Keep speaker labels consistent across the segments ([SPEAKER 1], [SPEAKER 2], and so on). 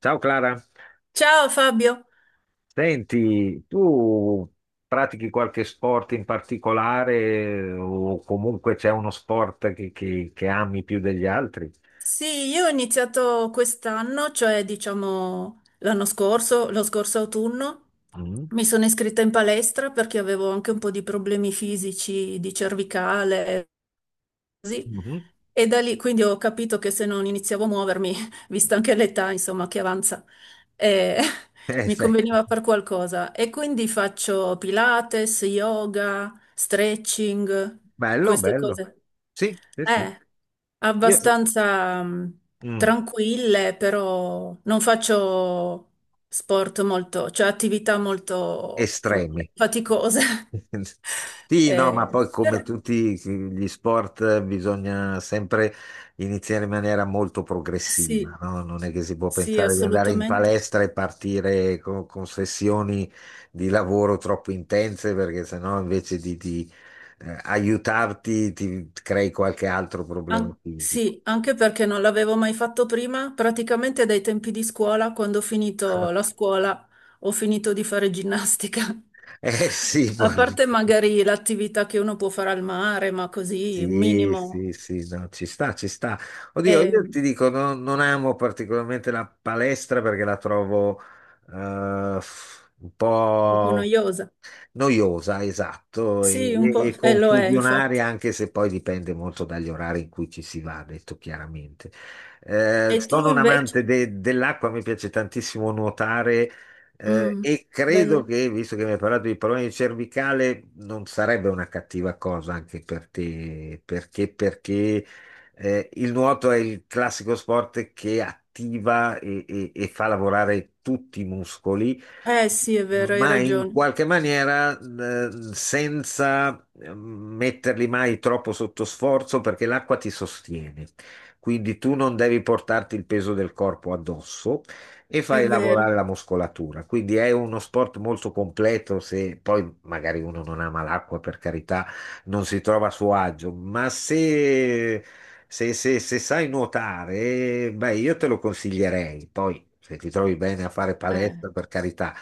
[SPEAKER 1] Ciao Clara,
[SPEAKER 2] Ciao Fabio,
[SPEAKER 1] senti, tu pratichi qualche sport in particolare o comunque c'è uno sport che ami più degli altri?
[SPEAKER 2] sì, io ho iniziato quest'anno, cioè diciamo l'anno scorso, lo scorso autunno,
[SPEAKER 1] Mm?
[SPEAKER 2] mi sono iscritta in palestra perché avevo anche un po' di problemi fisici di cervicale, così.
[SPEAKER 1] Mhm.
[SPEAKER 2] E da lì quindi ho capito che se non iniziavo a muovermi, vista anche l'età, insomma, che avanza, eh, mi
[SPEAKER 1] Sì.
[SPEAKER 2] conveniva far qualcosa. E quindi faccio Pilates, yoga, stretching,
[SPEAKER 1] Bello,
[SPEAKER 2] queste
[SPEAKER 1] bello.
[SPEAKER 2] cose.
[SPEAKER 1] Sì, sì, sì.
[SPEAKER 2] Eh,
[SPEAKER 1] Sì.
[SPEAKER 2] abbastanza
[SPEAKER 1] Mm.
[SPEAKER 2] tranquille, però non faccio sport molto, cioè attività molto, come dire,
[SPEAKER 1] Estremi.
[SPEAKER 2] faticose.
[SPEAKER 1] Sì, no, ma poi come
[SPEAKER 2] Però
[SPEAKER 1] tutti gli sport bisogna sempre iniziare in maniera molto progressiva,
[SPEAKER 2] sì.
[SPEAKER 1] no? Non è che si può
[SPEAKER 2] Sì,
[SPEAKER 1] pensare di andare in
[SPEAKER 2] assolutamente.
[SPEAKER 1] palestra e partire con sessioni di lavoro troppo intense, perché sennò invece di aiutarti ti crei qualche altro problema fisico.
[SPEAKER 2] Sì, anche perché non l'avevo mai fatto prima, praticamente dai tempi di scuola, quando ho finito la scuola, ho finito di fare ginnastica.
[SPEAKER 1] Eh sì,
[SPEAKER 2] A
[SPEAKER 1] poi.
[SPEAKER 2] parte magari l'attività che uno può fare al mare, ma così, un
[SPEAKER 1] Sì,
[SPEAKER 2] minimo,
[SPEAKER 1] sì, sì, no, ci sta, ci sta. Oddio,
[SPEAKER 2] è
[SPEAKER 1] io
[SPEAKER 2] un
[SPEAKER 1] ti dico, non amo particolarmente la palestra perché la trovo un
[SPEAKER 2] po'
[SPEAKER 1] po'
[SPEAKER 2] noiosa.
[SPEAKER 1] noiosa, esatto, e,
[SPEAKER 2] Sì, un
[SPEAKER 1] e-
[SPEAKER 2] po',
[SPEAKER 1] e
[SPEAKER 2] e lo è infatti.
[SPEAKER 1] confusionaria, anche se poi dipende molto dagli orari in cui ci si va, detto chiaramente.
[SPEAKER 2] E tu
[SPEAKER 1] Sono un
[SPEAKER 2] invece?
[SPEAKER 1] amante dell'acqua, mi piace tantissimo nuotare.
[SPEAKER 2] Mm,
[SPEAKER 1] E credo
[SPEAKER 2] bello.
[SPEAKER 1] che, visto che mi hai parlato di problemi cervicale, non sarebbe una cattiva cosa anche per te, perché il nuoto è il classico sport che attiva e fa lavorare tutti i muscoli
[SPEAKER 2] Eh sì, è vero, hai
[SPEAKER 1] ma in
[SPEAKER 2] ragione.
[SPEAKER 1] qualche maniera senza metterli mai troppo sotto sforzo perché l'acqua ti sostiene. Quindi tu non devi portarti il peso del corpo addosso e
[SPEAKER 2] È
[SPEAKER 1] fai
[SPEAKER 2] vero.
[SPEAKER 1] lavorare la muscolatura. Quindi è uno sport molto completo. Se poi magari uno non ama l'acqua, per carità, non si trova a suo agio, ma se sai nuotare, beh, io te lo consiglierei. Poi, se ti trovi bene a fare
[SPEAKER 2] Eh.
[SPEAKER 1] palestra, per carità,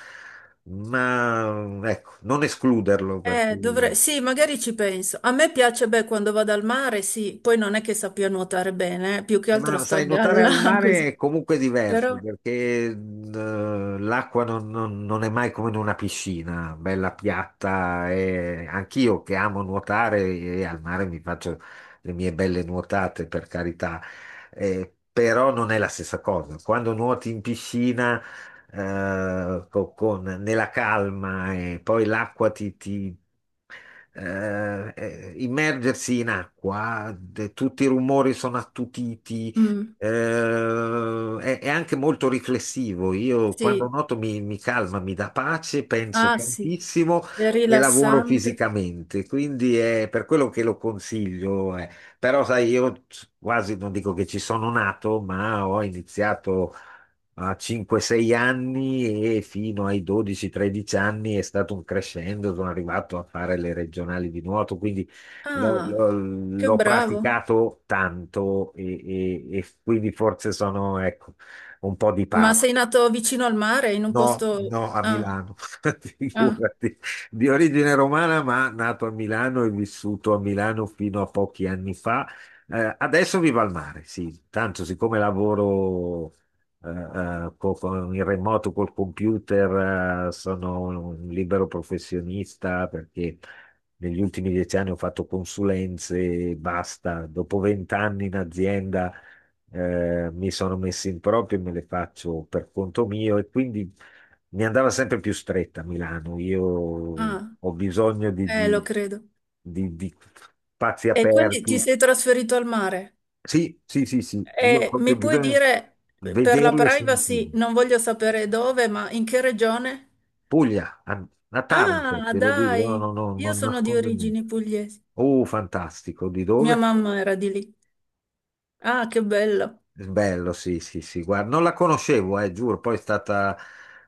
[SPEAKER 1] ma ecco, non escluderlo perché...
[SPEAKER 2] Dovrei... Sì, magari ci penso. A me piace, beh, quando vado al mare, sì, poi non è che sappia nuotare bene, più che altro
[SPEAKER 1] Ma
[SPEAKER 2] sto a
[SPEAKER 1] sai, nuotare al
[SPEAKER 2] galla
[SPEAKER 1] mare
[SPEAKER 2] così.
[SPEAKER 1] è comunque diverso
[SPEAKER 2] Però,
[SPEAKER 1] perché l'acqua non è mai come in una piscina, bella piatta. E anch'io che amo nuotare e al mare mi faccio le mie belle nuotate, per carità. Però non è la stessa cosa. Quando nuoti in piscina, nella calma e poi l'acqua immergersi in acqua, tutti i rumori sono attutiti,
[SPEAKER 2] mm,
[SPEAKER 1] è anche molto riflessivo. Io quando
[SPEAKER 2] sì,
[SPEAKER 1] nuoto mi calma, mi dà pace, penso
[SPEAKER 2] ah sì,
[SPEAKER 1] tantissimo
[SPEAKER 2] è
[SPEAKER 1] e lavoro
[SPEAKER 2] rilassante.
[SPEAKER 1] fisicamente, quindi è per quello che lo consiglio. Però, sai, io quasi non dico che ci sono nato, ma ho iniziato a 5-6 anni e fino ai 12-13 anni è stato un crescendo, sono arrivato a fare le regionali di nuoto, quindi l'ho
[SPEAKER 2] Ah,
[SPEAKER 1] l'ho-
[SPEAKER 2] che
[SPEAKER 1] l'ho
[SPEAKER 2] bravo.
[SPEAKER 1] praticato tanto e quindi forse sono, ecco, un po' di...
[SPEAKER 2] Ma sei nato vicino al mare, in un
[SPEAKER 1] No,
[SPEAKER 2] posto...
[SPEAKER 1] no, a
[SPEAKER 2] Ah,
[SPEAKER 1] Milano,
[SPEAKER 2] ah,
[SPEAKER 1] figurati, di origine romana, ma nato a Milano e vissuto a Milano fino a pochi anni fa. Adesso vivo al mare, sì, tanto siccome lavoro in remoto col computer, sono un libero professionista perché negli ultimi 10 anni ho fatto consulenze e basta. Dopo 20 anni in azienda mi sono messi in proprio e me le faccio per conto mio e quindi mi andava sempre più stretta a Milano. Io
[SPEAKER 2] ah,
[SPEAKER 1] ho bisogno di,
[SPEAKER 2] lo
[SPEAKER 1] di-
[SPEAKER 2] credo.
[SPEAKER 1] di- di spazi
[SPEAKER 2] E quindi
[SPEAKER 1] aperti.
[SPEAKER 2] ti sei trasferito al mare?
[SPEAKER 1] Sì, sì, sì, sì, io ho
[SPEAKER 2] E
[SPEAKER 1] proprio
[SPEAKER 2] mi puoi
[SPEAKER 1] bisogno
[SPEAKER 2] dire,
[SPEAKER 1] di
[SPEAKER 2] per la
[SPEAKER 1] vederlo e
[SPEAKER 2] privacy,
[SPEAKER 1] sentirlo.
[SPEAKER 2] non voglio sapere dove, ma in che regione?
[SPEAKER 1] Puglia, a Taranto,
[SPEAKER 2] Ah,
[SPEAKER 1] te lo dico, no,
[SPEAKER 2] dai,
[SPEAKER 1] no, no,
[SPEAKER 2] io
[SPEAKER 1] non
[SPEAKER 2] sono di
[SPEAKER 1] nascondo niente.
[SPEAKER 2] origini pugliesi.
[SPEAKER 1] Oh, fantastico, di
[SPEAKER 2] Mia
[SPEAKER 1] dove?
[SPEAKER 2] mamma era di lì. Ah, che bello.
[SPEAKER 1] Bello, sì, sì, sì, guarda, non la conoscevo, giuro, poi è stata,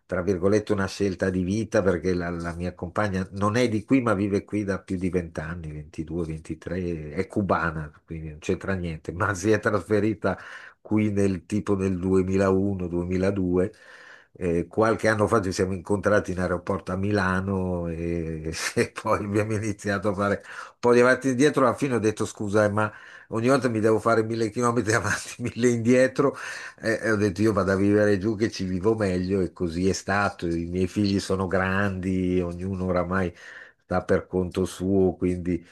[SPEAKER 1] tra virgolette, una scelta di vita perché la mia compagna non è di qui, ma vive qui da più di 20 anni, 22, 23, è cubana, quindi non c'entra niente, ma si è trasferita qui nel tipo nel 2001-2002. Qualche anno fa ci siamo incontrati in aeroporto a Milano e, e poi abbiamo iniziato a fare un po' di avanti e indietro. Alla fine ho detto scusa, ma ogni volta mi devo fare 1000 chilometri avanti, 1000 indietro e ho detto io vado a vivere giù che ci vivo meglio e così è stato. I miei figli sono grandi, ognuno oramai sta per conto suo, quindi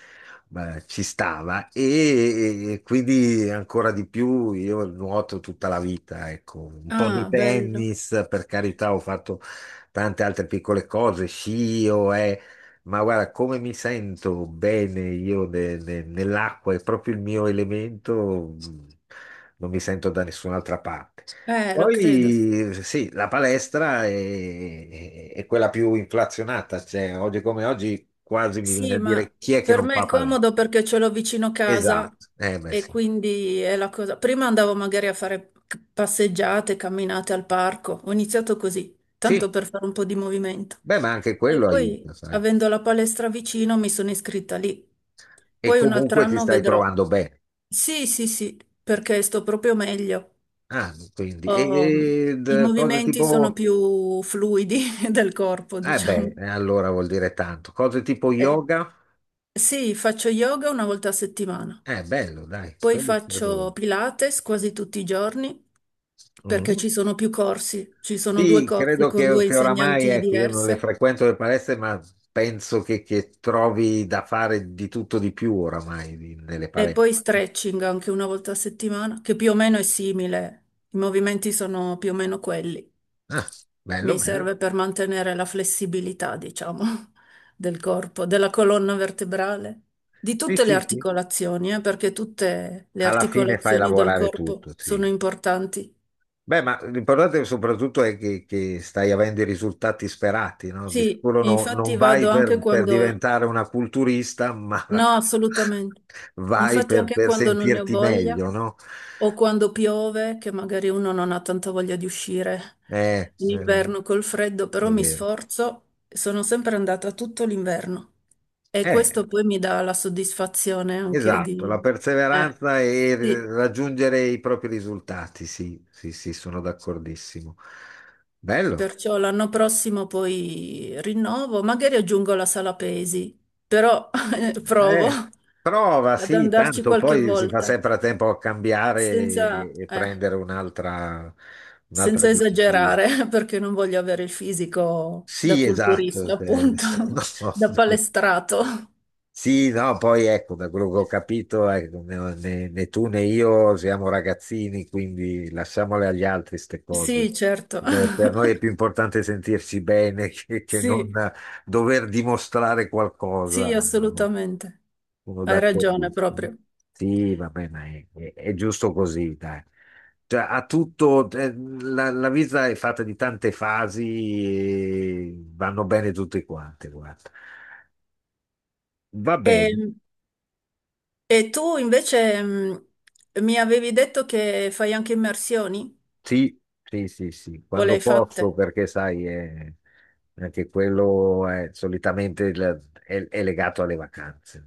[SPEAKER 1] beh, ci stava e quindi ancora di più. Io nuoto tutta la vita, ecco, un po' di
[SPEAKER 2] Ah, bello.
[SPEAKER 1] tennis, per carità, ho fatto tante altre piccole cose, sci, ma guarda, come mi sento bene io nell'acqua, è proprio il mio elemento, non mi sento da nessun'altra parte.
[SPEAKER 2] Lo credo, sì.
[SPEAKER 1] Poi sì, la palestra è quella più inflazionata, cioè oggi come oggi quasi mi viene a
[SPEAKER 2] Sì, ma
[SPEAKER 1] dire chi è che
[SPEAKER 2] per
[SPEAKER 1] non
[SPEAKER 2] me è
[SPEAKER 1] fa palestra.
[SPEAKER 2] comodo perché ce l'ho vicino casa
[SPEAKER 1] Esatto, eh beh
[SPEAKER 2] e
[SPEAKER 1] sì.
[SPEAKER 2] quindi è la cosa. Prima andavo magari a fare passeggiate, camminate al parco. Ho iniziato così, tanto
[SPEAKER 1] Sì,
[SPEAKER 2] per fare un po' di movimento.
[SPEAKER 1] beh ma anche
[SPEAKER 2] E
[SPEAKER 1] quello aiuta,
[SPEAKER 2] poi,
[SPEAKER 1] sai.
[SPEAKER 2] avendo la palestra vicino, mi sono iscritta lì.
[SPEAKER 1] E
[SPEAKER 2] Poi un altro
[SPEAKER 1] comunque ti
[SPEAKER 2] anno
[SPEAKER 1] stai
[SPEAKER 2] vedrò.
[SPEAKER 1] trovando bene.
[SPEAKER 2] Sì, sì, sì, perché sto proprio meglio.
[SPEAKER 1] Ah, quindi,
[SPEAKER 2] Ehm,
[SPEAKER 1] e, ed,
[SPEAKER 2] i
[SPEAKER 1] cose
[SPEAKER 2] movimenti sono
[SPEAKER 1] tipo...
[SPEAKER 2] più fluidi del corpo,
[SPEAKER 1] Eh beh,
[SPEAKER 2] diciamo.
[SPEAKER 1] allora vuol dire tanto. Cose tipo
[SPEAKER 2] Eh,
[SPEAKER 1] yoga?
[SPEAKER 2] sì, faccio yoga una volta a settimana,
[SPEAKER 1] Bello, dai,
[SPEAKER 2] poi
[SPEAKER 1] quello credo.
[SPEAKER 2] faccio Pilates quasi tutti i giorni perché
[SPEAKER 1] Mm.
[SPEAKER 2] ci sono più corsi, ci sono due
[SPEAKER 1] Sì,
[SPEAKER 2] corsi
[SPEAKER 1] credo
[SPEAKER 2] con due
[SPEAKER 1] che oramai,
[SPEAKER 2] insegnanti
[SPEAKER 1] ecco, io non le
[SPEAKER 2] diverse.
[SPEAKER 1] frequento le palestre, ma penso che trovi da fare di tutto di più oramai nelle
[SPEAKER 2] E
[SPEAKER 1] palestre.
[SPEAKER 2] poi stretching anche una volta a settimana, che più o meno è simile, i movimenti sono più o meno quelli.
[SPEAKER 1] Ah, bello,
[SPEAKER 2] Mi
[SPEAKER 1] bello.
[SPEAKER 2] serve per mantenere la flessibilità, diciamo, del corpo, della colonna vertebrale, di
[SPEAKER 1] Sì,
[SPEAKER 2] tutte le
[SPEAKER 1] sì, sì.
[SPEAKER 2] articolazioni, perché tutte le
[SPEAKER 1] Alla fine fai
[SPEAKER 2] articolazioni del
[SPEAKER 1] lavorare
[SPEAKER 2] corpo
[SPEAKER 1] tutto, sì.
[SPEAKER 2] sono importanti.
[SPEAKER 1] Beh, ma l'importante soprattutto è che stai avendo i risultati sperati, no? Di
[SPEAKER 2] Sì,
[SPEAKER 1] sicuro non
[SPEAKER 2] infatti
[SPEAKER 1] vai
[SPEAKER 2] vado anche
[SPEAKER 1] per
[SPEAKER 2] quando
[SPEAKER 1] diventare una culturista, ma
[SPEAKER 2] no, assolutamente.
[SPEAKER 1] vai
[SPEAKER 2] Infatti anche
[SPEAKER 1] per
[SPEAKER 2] quando non ne ho
[SPEAKER 1] sentirti
[SPEAKER 2] voglia
[SPEAKER 1] meglio, no?
[SPEAKER 2] o quando piove, che magari uno non ha tanta voglia di uscire
[SPEAKER 1] Eh,
[SPEAKER 2] in
[SPEAKER 1] eh,
[SPEAKER 2] inverno col freddo, però
[SPEAKER 1] è
[SPEAKER 2] mi
[SPEAKER 1] vero.
[SPEAKER 2] sforzo, sono sempre andata tutto l'inverno e
[SPEAKER 1] Eh,
[SPEAKER 2] questo poi mi dà la soddisfazione anche
[SPEAKER 1] esatto,
[SPEAKER 2] di...
[SPEAKER 1] la
[SPEAKER 2] eh,
[SPEAKER 1] perseveranza e
[SPEAKER 2] sì.
[SPEAKER 1] raggiungere i propri risultati, sì, sì, sì, sono d'accordissimo. Bello.
[SPEAKER 2] Perciò l'anno prossimo poi rinnovo, magari aggiungo la sala pesi, però provo
[SPEAKER 1] Eh, prova,
[SPEAKER 2] ad
[SPEAKER 1] sì,
[SPEAKER 2] andarci
[SPEAKER 1] tanto
[SPEAKER 2] qualche
[SPEAKER 1] poi si fa
[SPEAKER 2] volta
[SPEAKER 1] sempre a tempo a cambiare
[SPEAKER 2] senza...
[SPEAKER 1] e
[SPEAKER 2] eh,
[SPEAKER 1] prendere un'altra
[SPEAKER 2] senza
[SPEAKER 1] disciplina.
[SPEAKER 2] esagerare, perché non voglio avere il fisico da
[SPEAKER 1] Sì,
[SPEAKER 2] culturista,
[SPEAKER 1] esatto. Cioè,
[SPEAKER 2] appunto,
[SPEAKER 1] no,
[SPEAKER 2] da
[SPEAKER 1] no.
[SPEAKER 2] palestrato.
[SPEAKER 1] Sì, no, poi ecco, da quello che ho capito, ecco, né tu né io siamo ragazzini, quindi lasciamole agli altri queste cose.
[SPEAKER 2] Sì, certo.
[SPEAKER 1] Beh, per noi è più importante sentirci bene che non
[SPEAKER 2] Sì,
[SPEAKER 1] dover dimostrare
[SPEAKER 2] sì,
[SPEAKER 1] qualcosa. Eh,
[SPEAKER 2] assolutamente.
[SPEAKER 1] Sono
[SPEAKER 2] Hai ragione
[SPEAKER 1] d'accordissimo.
[SPEAKER 2] proprio.
[SPEAKER 1] Sì, va bene, è giusto così, dai. Cioè, ha tutto, la vita è fatta di tante fasi, e vanno bene tutte quante, guarda. Va bene.
[SPEAKER 2] E, e tu invece mi avevi detto che fai anche immersioni?
[SPEAKER 1] Sì, sì, sì, sì,
[SPEAKER 2] O le
[SPEAKER 1] quando
[SPEAKER 2] hai fatte?
[SPEAKER 1] posso, perché sai, anche quello è solitamente è legato alle vacanze.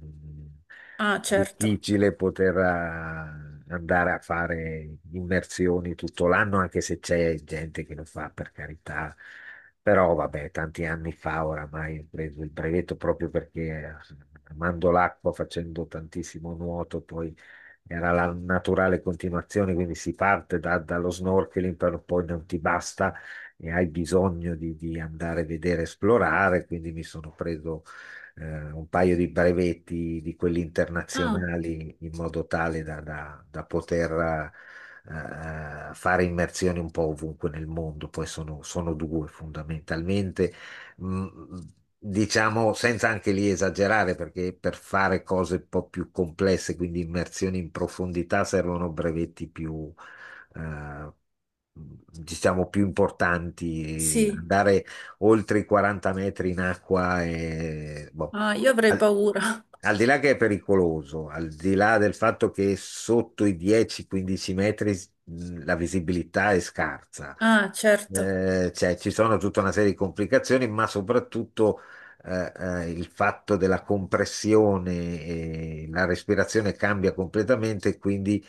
[SPEAKER 2] Ah, certo.
[SPEAKER 1] Difficile poter andare a fare immersioni tutto l'anno, anche se c'è gente che lo fa, per carità. Però vabbè, tanti anni fa oramai ho preso il brevetto proprio perché amando l'acqua, facendo tantissimo nuoto, poi era la naturale continuazione, quindi si parte dallo snorkeling, però poi non ti basta e hai bisogno di andare a vedere, esplorare, quindi mi sono preso un paio di brevetti di quelli
[SPEAKER 2] Ah,
[SPEAKER 1] internazionali in modo tale da poter fare immersioni un po' ovunque nel mondo, poi sono, sono due fondamentalmente, mh, diciamo, senza anche lì esagerare, perché per fare cose un po' più complesse, quindi immersioni in profondità, servono brevetti più, eh, diciamo, più importanti.
[SPEAKER 2] sì.
[SPEAKER 1] Andare oltre i 40 metri in acqua è... boh,
[SPEAKER 2] Ah, io avrei
[SPEAKER 1] al-
[SPEAKER 2] paura.
[SPEAKER 1] al di là che è pericoloso, al di là del fatto che sotto i 10-15 metri, la visibilità è scarsa,
[SPEAKER 2] Ah, certo.
[SPEAKER 1] cioè, ci sono tutta una serie di complicazioni, ma soprattutto il fatto della compressione, la respirazione cambia completamente, e quindi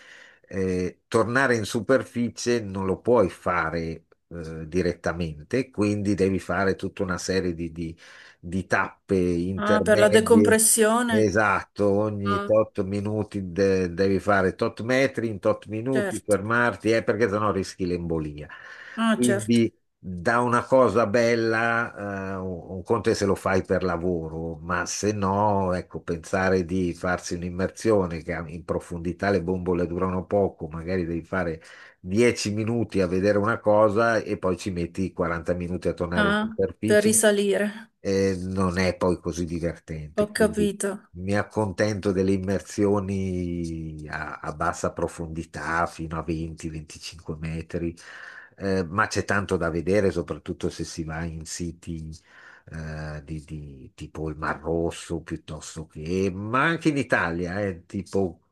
[SPEAKER 1] tornare in superficie non lo puoi fare direttamente, quindi devi fare tutta una serie di tappe
[SPEAKER 2] Ah, per la
[SPEAKER 1] intermedie.
[SPEAKER 2] decompressione?
[SPEAKER 1] Esatto, ogni
[SPEAKER 2] Ah,
[SPEAKER 1] tot minuti devi fare tot metri in tot minuti,
[SPEAKER 2] certo.
[SPEAKER 1] fermarti, perché sennò rischi l'embolia.
[SPEAKER 2] Ah, certo.
[SPEAKER 1] Quindi da una cosa bella, un conto è se lo fai per lavoro, ma se no, ecco, pensare di farsi un'immersione che in profondità le bombole durano poco, magari devi fare 10 minuti a vedere una cosa e poi ci metti 40 minuti a tornare in
[SPEAKER 2] Ah, per
[SPEAKER 1] superficie,
[SPEAKER 2] risalire.
[SPEAKER 1] non è poi così
[SPEAKER 2] Ho
[SPEAKER 1] divertente, quindi
[SPEAKER 2] capito.
[SPEAKER 1] mi accontento delle immersioni a bassa profondità, fino a 20-25 metri, ma c'è tanto da vedere, soprattutto se si va in siti tipo il Mar Rosso, piuttosto che, ma anche in Italia, tipo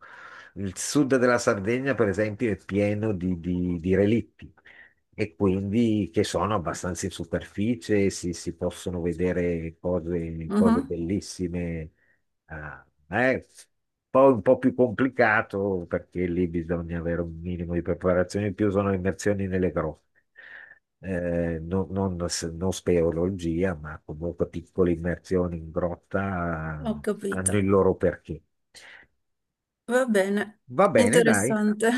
[SPEAKER 1] il sud della Sardegna, per esempio, è pieno di relitti e quindi che sono abbastanza in superficie, si possono vedere cose, cose
[SPEAKER 2] Mhm.
[SPEAKER 1] bellissime. Ah, poi un po' più complicato perché lì bisogna avere un minimo di preparazione in più, sono immersioni nelle grotte. Non speleologia, ma comunque piccole immersioni in grotta,
[SPEAKER 2] Ho
[SPEAKER 1] hanno
[SPEAKER 2] capito.
[SPEAKER 1] il loro perché.
[SPEAKER 2] Va bene.
[SPEAKER 1] Va bene, dai.
[SPEAKER 2] Interessante.